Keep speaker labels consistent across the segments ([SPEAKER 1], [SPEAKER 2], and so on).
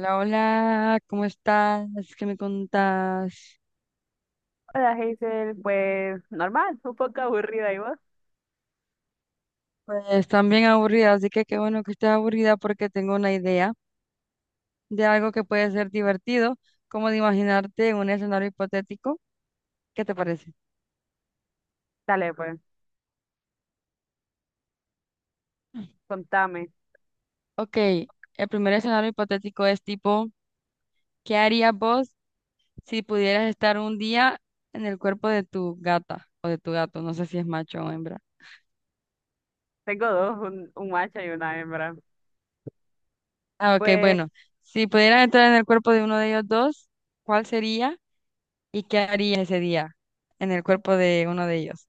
[SPEAKER 1] Hola, hola, ¿cómo estás? ¿Qué me contás?
[SPEAKER 2] Hola, Hazel, pues normal, un poco aburrida, ¿y vos?
[SPEAKER 1] Pues también aburrida, así que qué bueno que estés aburrida porque tengo una idea de algo que puede ser divertido, como de imaginarte un escenario hipotético. ¿Qué te parece?
[SPEAKER 2] Dale, pues, contame.
[SPEAKER 1] Ok, el primer escenario hipotético es tipo, ¿qué harías vos si pudieras estar un día en el cuerpo de tu gata o de tu gato? No sé si es macho o hembra.
[SPEAKER 2] Tengo dos, un macho y una hembra.
[SPEAKER 1] Ah, ok,
[SPEAKER 2] Pues,
[SPEAKER 1] bueno, si pudieras entrar en el cuerpo de uno de ellos dos, ¿cuál sería? ¿Y qué harías ese día en el cuerpo de uno de ellos?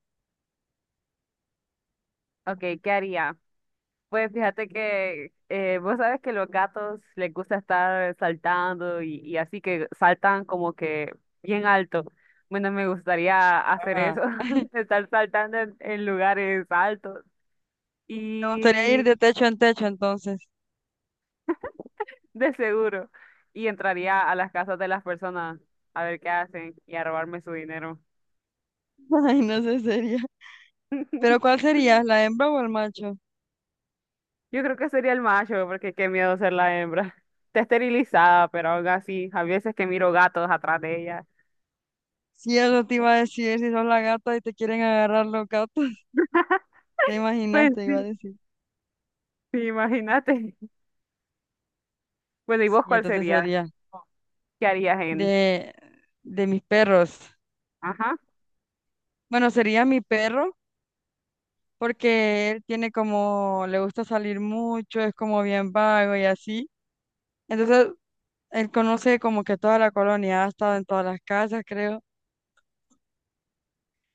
[SPEAKER 2] ok, ¿qué haría? Pues fíjate que vos sabes que los gatos les gusta estar saltando, y así que saltan como que bien alto. Bueno, me gustaría hacer
[SPEAKER 1] Ajá.
[SPEAKER 2] eso, estar saltando en lugares altos
[SPEAKER 1] Me gustaría ir
[SPEAKER 2] y
[SPEAKER 1] de techo en techo entonces.
[SPEAKER 2] de seguro. Y entraría a las casas de las personas a ver qué hacen y a robarme su dinero.
[SPEAKER 1] Ay, no sé, sería. ¿Pero cuál sería? ¿La hembra o el macho?
[SPEAKER 2] Yo creo que sería el macho, porque qué miedo ser la hembra. Está esterilizada, pero aún así, a veces que miro gatos atrás de ella.
[SPEAKER 1] Si eso te iba a decir, si sos la gata y te quieren agarrar los gatos, te imaginas,
[SPEAKER 2] Pues
[SPEAKER 1] te iba a
[SPEAKER 2] sí,
[SPEAKER 1] decir.
[SPEAKER 2] sí, imagínate. Bueno, ¿y
[SPEAKER 1] Sí,
[SPEAKER 2] vos cuál
[SPEAKER 1] entonces
[SPEAKER 2] sería?
[SPEAKER 1] sería
[SPEAKER 2] ¿Qué harías en?
[SPEAKER 1] de, de mis perros.
[SPEAKER 2] Ajá.
[SPEAKER 1] Bueno, sería mi perro, porque él tiene como, le gusta salir mucho, es como bien vago y así. Entonces él conoce como que toda la colonia, ha estado en todas las casas, creo.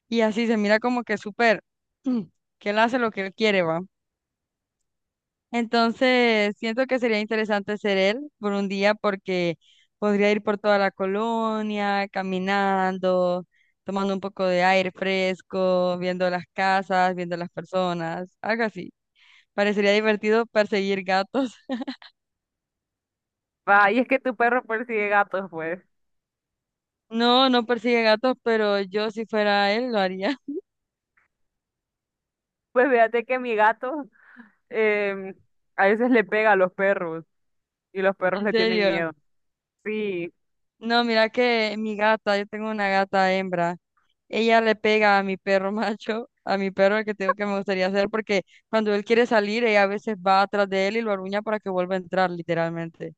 [SPEAKER 1] Y así se mira como que súper, mm, que él hace lo que él quiere, va. Entonces, siento que sería interesante ser él por un día porque podría ir por toda la colonia, caminando, tomando un poco de aire fresco, viendo las casas, viendo las personas, algo así. Parecería divertido perseguir gatos.
[SPEAKER 2] Va, y es que tu perro persigue gatos, pues.
[SPEAKER 1] No, no persigue gatos, pero yo si fuera él lo haría.
[SPEAKER 2] Pues fíjate que mi gato em, a veces le pega a los perros y los perros
[SPEAKER 1] En
[SPEAKER 2] le tienen
[SPEAKER 1] serio.
[SPEAKER 2] miedo. Sí,
[SPEAKER 1] No, mira que mi gata, yo tengo una gata hembra, ella le pega a mi perro macho, a mi perro el que tengo que me gustaría hacer, porque cuando él quiere salir, ella a veces va atrás de él y lo aruña para que vuelva a entrar, literalmente.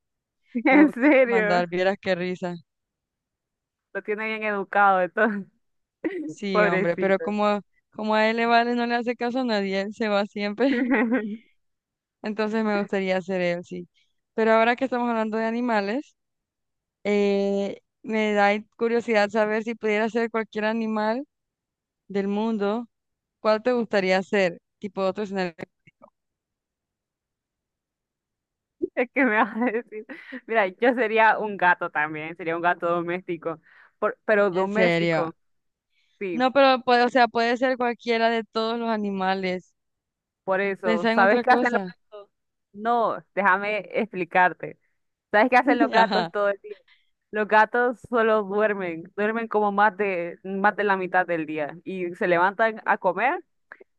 [SPEAKER 1] Como
[SPEAKER 2] en
[SPEAKER 1] que le mandar,
[SPEAKER 2] serio.
[SPEAKER 1] vieras qué risa.
[SPEAKER 2] Lo tiene bien educado, entonces,
[SPEAKER 1] Sí, hombre, pero
[SPEAKER 2] pobrecito.
[SPEAKER 1] como, como a él le vale, no le hace caso a nadie, él se va siempre. Entonces me gustaría hacer él, sí. Pero ahora que estamos hablando de animales, me da curiosidad saber si pudiera ser cualquier animal del mundo. ¿Cuál te gustaría hacer? Tipo otro escenario
[SPEAKER 2] Es que me vas a decir, mira, yo sería un gato también, sería un gato doméstico, pero
[SPEAKER 1] en serio.
[SPEAKER 2] doméstico, sí,
[SPEAKER 1] No, pero puede, o sea, puede ser cualquiera de todos los animales.
[SPEAKER 2] por eso.
[SPEAKER 1] Pensá en
[SPEAKER 2] ¿Sabes
[SPEAKER 1] otra
[SPEAKER 2] qué hacen
[SPEAKER 1] cosa.
[SPEAKER 2] los gatos? No, déjame explicarte. ¿Sabes qué hacen los gatos
[SPEAKER 1] Ajá,
[SPEAKER 2] todo el día? Los gatos solo duermen, duermen como más de la mitad del día y se levantan a comer,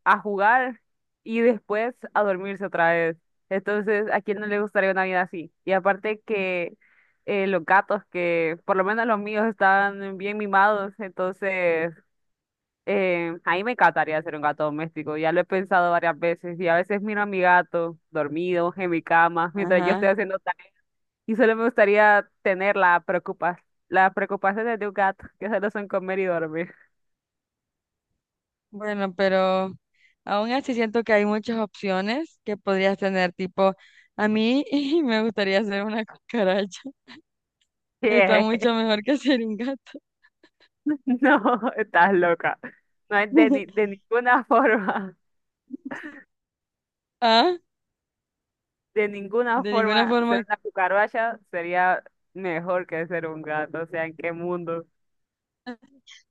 [SPEAKER 2] a jugar y después a dormirse otra vez. Entonces, ¿a quién no le gustaría una vida así? Y aparte que los gatos, que por lo menos los míos están bien mimados, entonces a mí me encantaría ser un gato doméstico. Ya lo he pensado varias veces y a veces miro a mi gato dormido en mi cama mientras yo
[SPEAKER 1] ajá.
[SPEAKER 2] estoy haciendo tareas. Y solo me gustaría tener la preocupa las preocupaciones de un gato, que solo son comer y dormir.
[SPEAKER 1] Bueno, pero aún así siento que hay muchas opciones que podrías tener. Tipo, a mí me gustaría ser una cucaracha. Está mucho mejor que ser un gato.
[SPEAKER 2] No, estás loca. No es de, de ninguna forma,
[SPEAKER 1] Ah,
[SPEAKER 2] de ninguna
[SPEAKER 1] de ninguna
[SPEAKER 2] forma
[SPEAKER 1] forma.
[SPEAKER 2] ser una cucaracha sería mejor que ser un gato. O sea, ¿en qué mundo?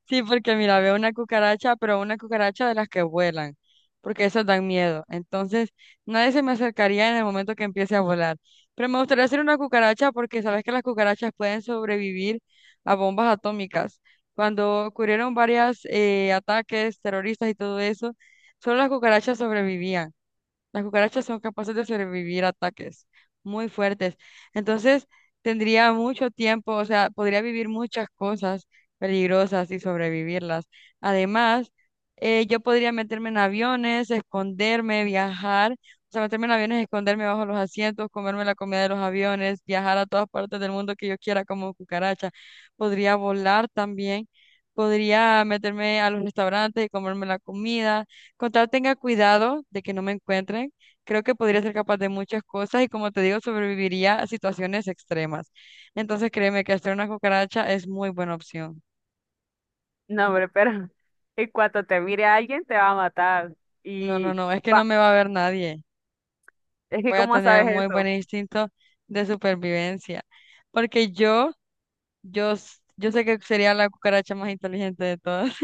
[SPEAKER 1] Sí, porque mira, veo una cucaracha, pero una cucaracha de las que vuelan, porque esas dan miedo. Entonces, nadie se me acercaría en el momento que empiece a volar. Pero me gustaría hacer una cucaracha porque sabes que las cucarachas pueden sobrevivir a bombas atómicas. Cuando ocurrieron varios ataques terroristas y todo eso, solo las cucarachas sobrevivían. Las cucarachas son capaces de sobrevivir a ataques muy fuertes. Entonces, tendría mucho tiempo, o sea, podría vivir muchas cosas peligrosas y sobrevivirlas. Además, yo podría meterme en aviones, esconderme, viajar, o sea, meterme en aviones, esconderme bajo los asientos, comerme la comida de los aviones, viajar a todas partes del mundo que yo quiera como cucaracha. Podría volar también, podría meterme a los restaurantes y comerme la comida con tal tenga cuidado de que no me encuentren, creo que podría ser capaz de muchas cosas y como te digo, sobreviviría a situaciones extremas. Entonces créeme que hacer una cucaracha es muy buena opción.
[SPEAKER 2] No, hombre, pero en cuanto te mire alguien te va a matar.
[SPEAKER 1] No, no,
[SPEAKER 2] Y
[SPEAKER 1] no, es que no
[SPEAKER 2] va,
[SPEAKER 1] me va a ver nadie.
[SPEAKER 2] es que
[SPEAKER 1] Voy a
[SPEAKER 2] ¿cómo
[SPEAKER 1] tener
[SPEAKER 2] sabes
[SPEAKER 1] muy
[SPEAKER 2] eso?
[SPEAKER 1] buen instinto de supervivencia. Porque yo sé que sería la cucaracha más inteligente de todas.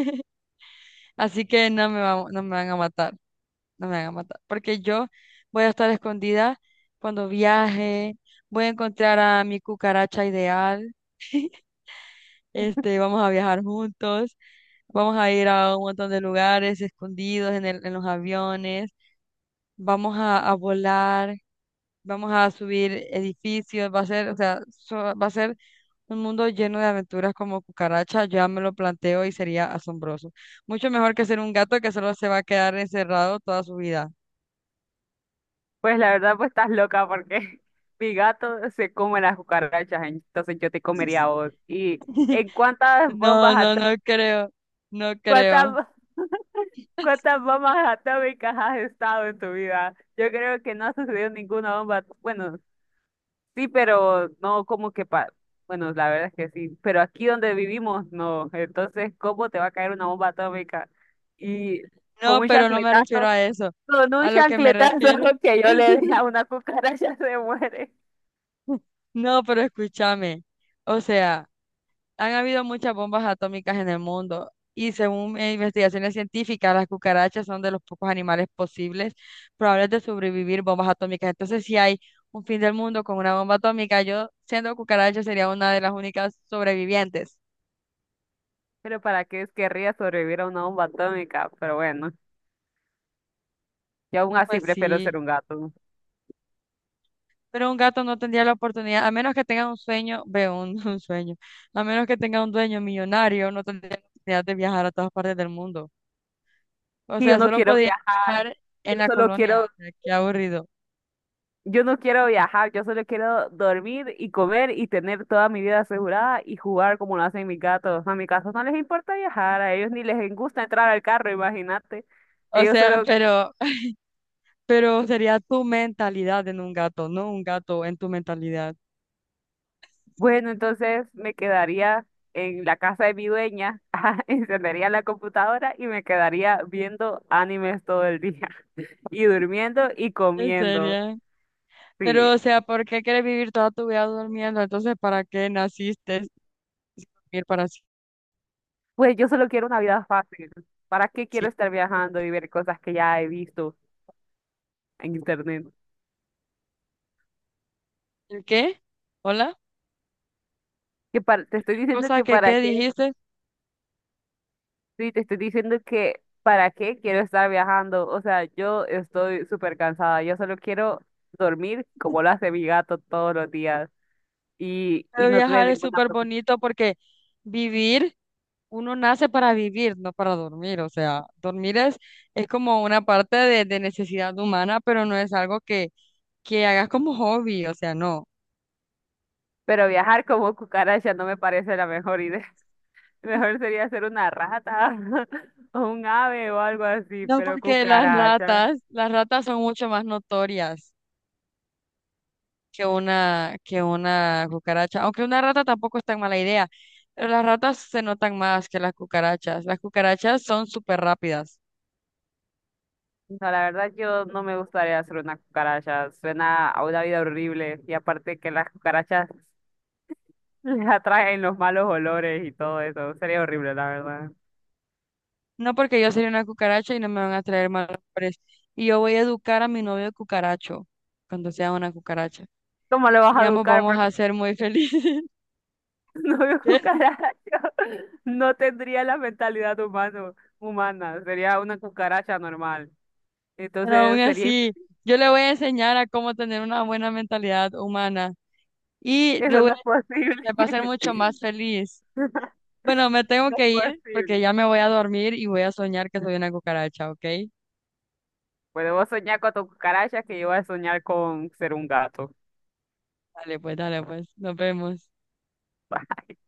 [SPEAKER 1] Así que no me van a matar. No me hagan matar, porque yo voy a estar escondida cuando viaje, voy a encontrar a mi cucaracha ideal, este, vamos a viajar juntos, vamos a ir a un montón de lugares escondidos en los aviones, vamos a volar, vamos a subir edificios, va a ser un mundo lleno de aventuras como cucaracha, ya me lo planteo y sería asombroso. Mucho mejor que ser un gato que solo se va a quedar encerrado toda su vida.
[SPEAKER 2] Pues la verdad, pues estás loca porque mi gato se come las cucarachas, entonces yo te comería a vos. ¿Y en cuántas bombas
[SPEAKER 1] No, no, no creo, no creo.
[SPEAKER 2] atómicas? ¿Cuántas bombas atómicas has estado en tu vida? Yo creo que no ha sucedido ninguna bomba. Bueno, sí, pero no como que pa... Bueno, la verdad es que sí, pero aquí donde vivimos, no. Entonces, ¿cómo te va a caer una bomba atómica? Y con
[SPEAKER 1] No,
[SPEAKER 2] un
[SPEAKER 1] pero no me refiero
[SPEAKER 2] chancletazo,
[SPEAKER 1] a eso.
[SPEAKER 2] con un
[SPEAKER 1] A lo que me
[SPEAKER 2] chancletazo
[SPEAKER 1] refiero.
[SPEAKER 2] que yo le dé a una cucaracha se muere.
[SPEAKER 1] No, pero escúchame. O sea, han habido muchas bombas atómicas en el mundo y según investigaciones científicas, las cucarachas son de los pocos animales posibles probables de sobrevivir bombas atómicas. Entonces, si hay un fin del mundo con una bomba atómica, yo siendo cucaracha sería una de las únicas sobrevivientes.
[SPEAKER 2] Pero ¿para qué querría sobrevivir a una bomba atómica? Pero bueno, yo aún así
[SPEAKER 1] Pues
[SPEAKER 2] prefiero
[SPEAKER 1] sí.
[SPEAKER 2] ser un gato.
[SPEAKER 1] Pero un gato no tendría la oportunidad, a menos que tenga un sueño, veo un, un sueño, a menos que tenga un dueño millonario, no tendría la oportunidad de viajar a todas partes del mundo. O
[SPEAKER 2] Y yo
[SPEAKER 1] sea,
[SPEAKER 2] no
[SPEAKER 1] solo
[SPEAKER 2] quiero
[SPEAKER 1] podía
[SPEAKER 2] viajar,
[SPEAKER 1] viajar
[SPEAKER 2] yo
[SPEAKER 1] en la
[SPEAKER 2] solo
[SPEAKER 1] colonia,
[SPEAKER 2] quiero
[SPEAKER 1] o sea, qué aburrido.
[SPEAKER 2] yo no quiero viajar, yo solo quiero dormir y comer y tener toda mi vida asegurada y jugar como lo hacen mis gatos. A mis gatos no les importa viajar, a ellos ni les gusta entrar al carro, imagínate.
[SPEAKER 1] O
[SPEAKER 2] Ellos
[SPEAKER 1] sea,
[SPEAKER 2] solo,
[SPEAKER 1] pero, pero sería tu mentalidad en un gato, no un gato en tu mentalidad.
[SPEAKER 2] bueno, entonces me quedaría en la casa de mi dueña, ajá, encendería la computadora y me quedaría viendo animes todo el día y durmiendo y
[SPEAKER 1] En
[SPEAKER 2] comiendo.
[SPEAKER 1] serio.
[SPEAKER 2] Sí,
[SPEAKER 1] Pero, o sea, ¿por qué quieres vivir toda tu vida durmiendo? Entonces, ¿para qué naciste? Si dormir para sie-
[SPEAKER 2] pues yo solo quiero una vida fácil. ¿Para qué quiero
[SPEAKER 1] siempre?
[SPEAKER 2] estar viajando y ver cosas que ya he visto en internet?
[SPEAKER 1] ¿El qué? ¿Hola?
[SPEAKER 2] Te estoy diciendo
[SPEAKER 1] ¿Cosa
[SPEAKER 2] que
[SPEAKER 1] que
[SPEAKER 2] para
[SPEAKER 1] qué
[SPEAKER 2] qué,
[SPEAKER 1] dijiste?
[SPEAKER 2] sí, te estoy diciendo que para qué quiero estar viajando. O sea, yo estoy súper cansada. Yo solo quiero dormir como lo hace mi gato todos los días y
[SPEAKER 1] Pero
[SPEAKER 2] no tener
[SPEAKER 1] viajar es
[SPEAKER 2] ninguna
[SPEAKER 1] súper
[SPEAKER 2] preocupación.
[SPEAKER 1] bonito porque vivir, uno nace para vivir, no para dormir. O sea, dormir es como una parte de necesidad humana, pero no es algo que hagas como hobby. O sea, no.
[SPEAKER 2] Pero viajar como cucaracha no me parece la mejor idea. Mejor sería ser una rata o un ave o algo así,
[SPEAKER 1] No,
[SPEAKER 2] pero
[SPEAKER 1] porque
[SPEAKER 2] cucaracha.
[SPEAKER 1] las ratas son mucho más notorias que una cucaracha. Aunque una rata tampoco es tan mala idea, pero las ratas se notan más que las cucarachas. Las cucarachas son súper rápidas.
[SPEAKER 2] No, la verdad yo no me gustaría ser una cucaracha. Suena a una vida horrible y aparte que las cucarachas les atraen los malos olores y todo eso. Sería horrible, la verdad.
[SPEAKER 1] No porque yo sería una cucaracha y no me van a traer malos olores. Y yo voy a educar a mi novio cucaracho cuando sea una cucaracha.
[SPEAKER 2] ¿Cómo lo vas
[SPEAKER 1] Y
[SPEAKER 2] a
[SPEAKER 1] ambos
[SPEAKER 2] educar?
[SPEAKER 1] vamos
[SPEAKER 2] Porque
[SPEAKER 1] a ser muy felices.
[SPEAKER 2] no veo
[SPEAKER 1] ¿Qué?
[SPEAKER 2] cucaracha. No tendría la mentalidad humana. Sería una cucaracha normal.
[SPEAKER 1] Pero aún
[SPEAKER 2] Entonces sería...
[SPEAKER 1] así, yo le voy a enseñar a cómo tener una buena mentalidad humana y le
[SPEAKER 2] Eso
[SPEAKER 1] voy
[SPEAKER 2] no
[SPEAKER 1] a,
[SPEAKER 2] es posible.
[SPEAKER 1] le va a hacer mucho más feliz. Bueno, me tengo
[SPEAKER 2] No es
[SPEAKER 1] que ir porque
[SPEAKER 2] posible.
[SPEAKER 1] ya me voy a dormir y voy a soñar que soy una cucaracha, ¿ok?
[SPEAKER 2] Pues debo soñar con tu cucaracha que yo voy a soñar con ser un gato.
[SPEAKER 1] Dale pues, dale pues. Nos vemos.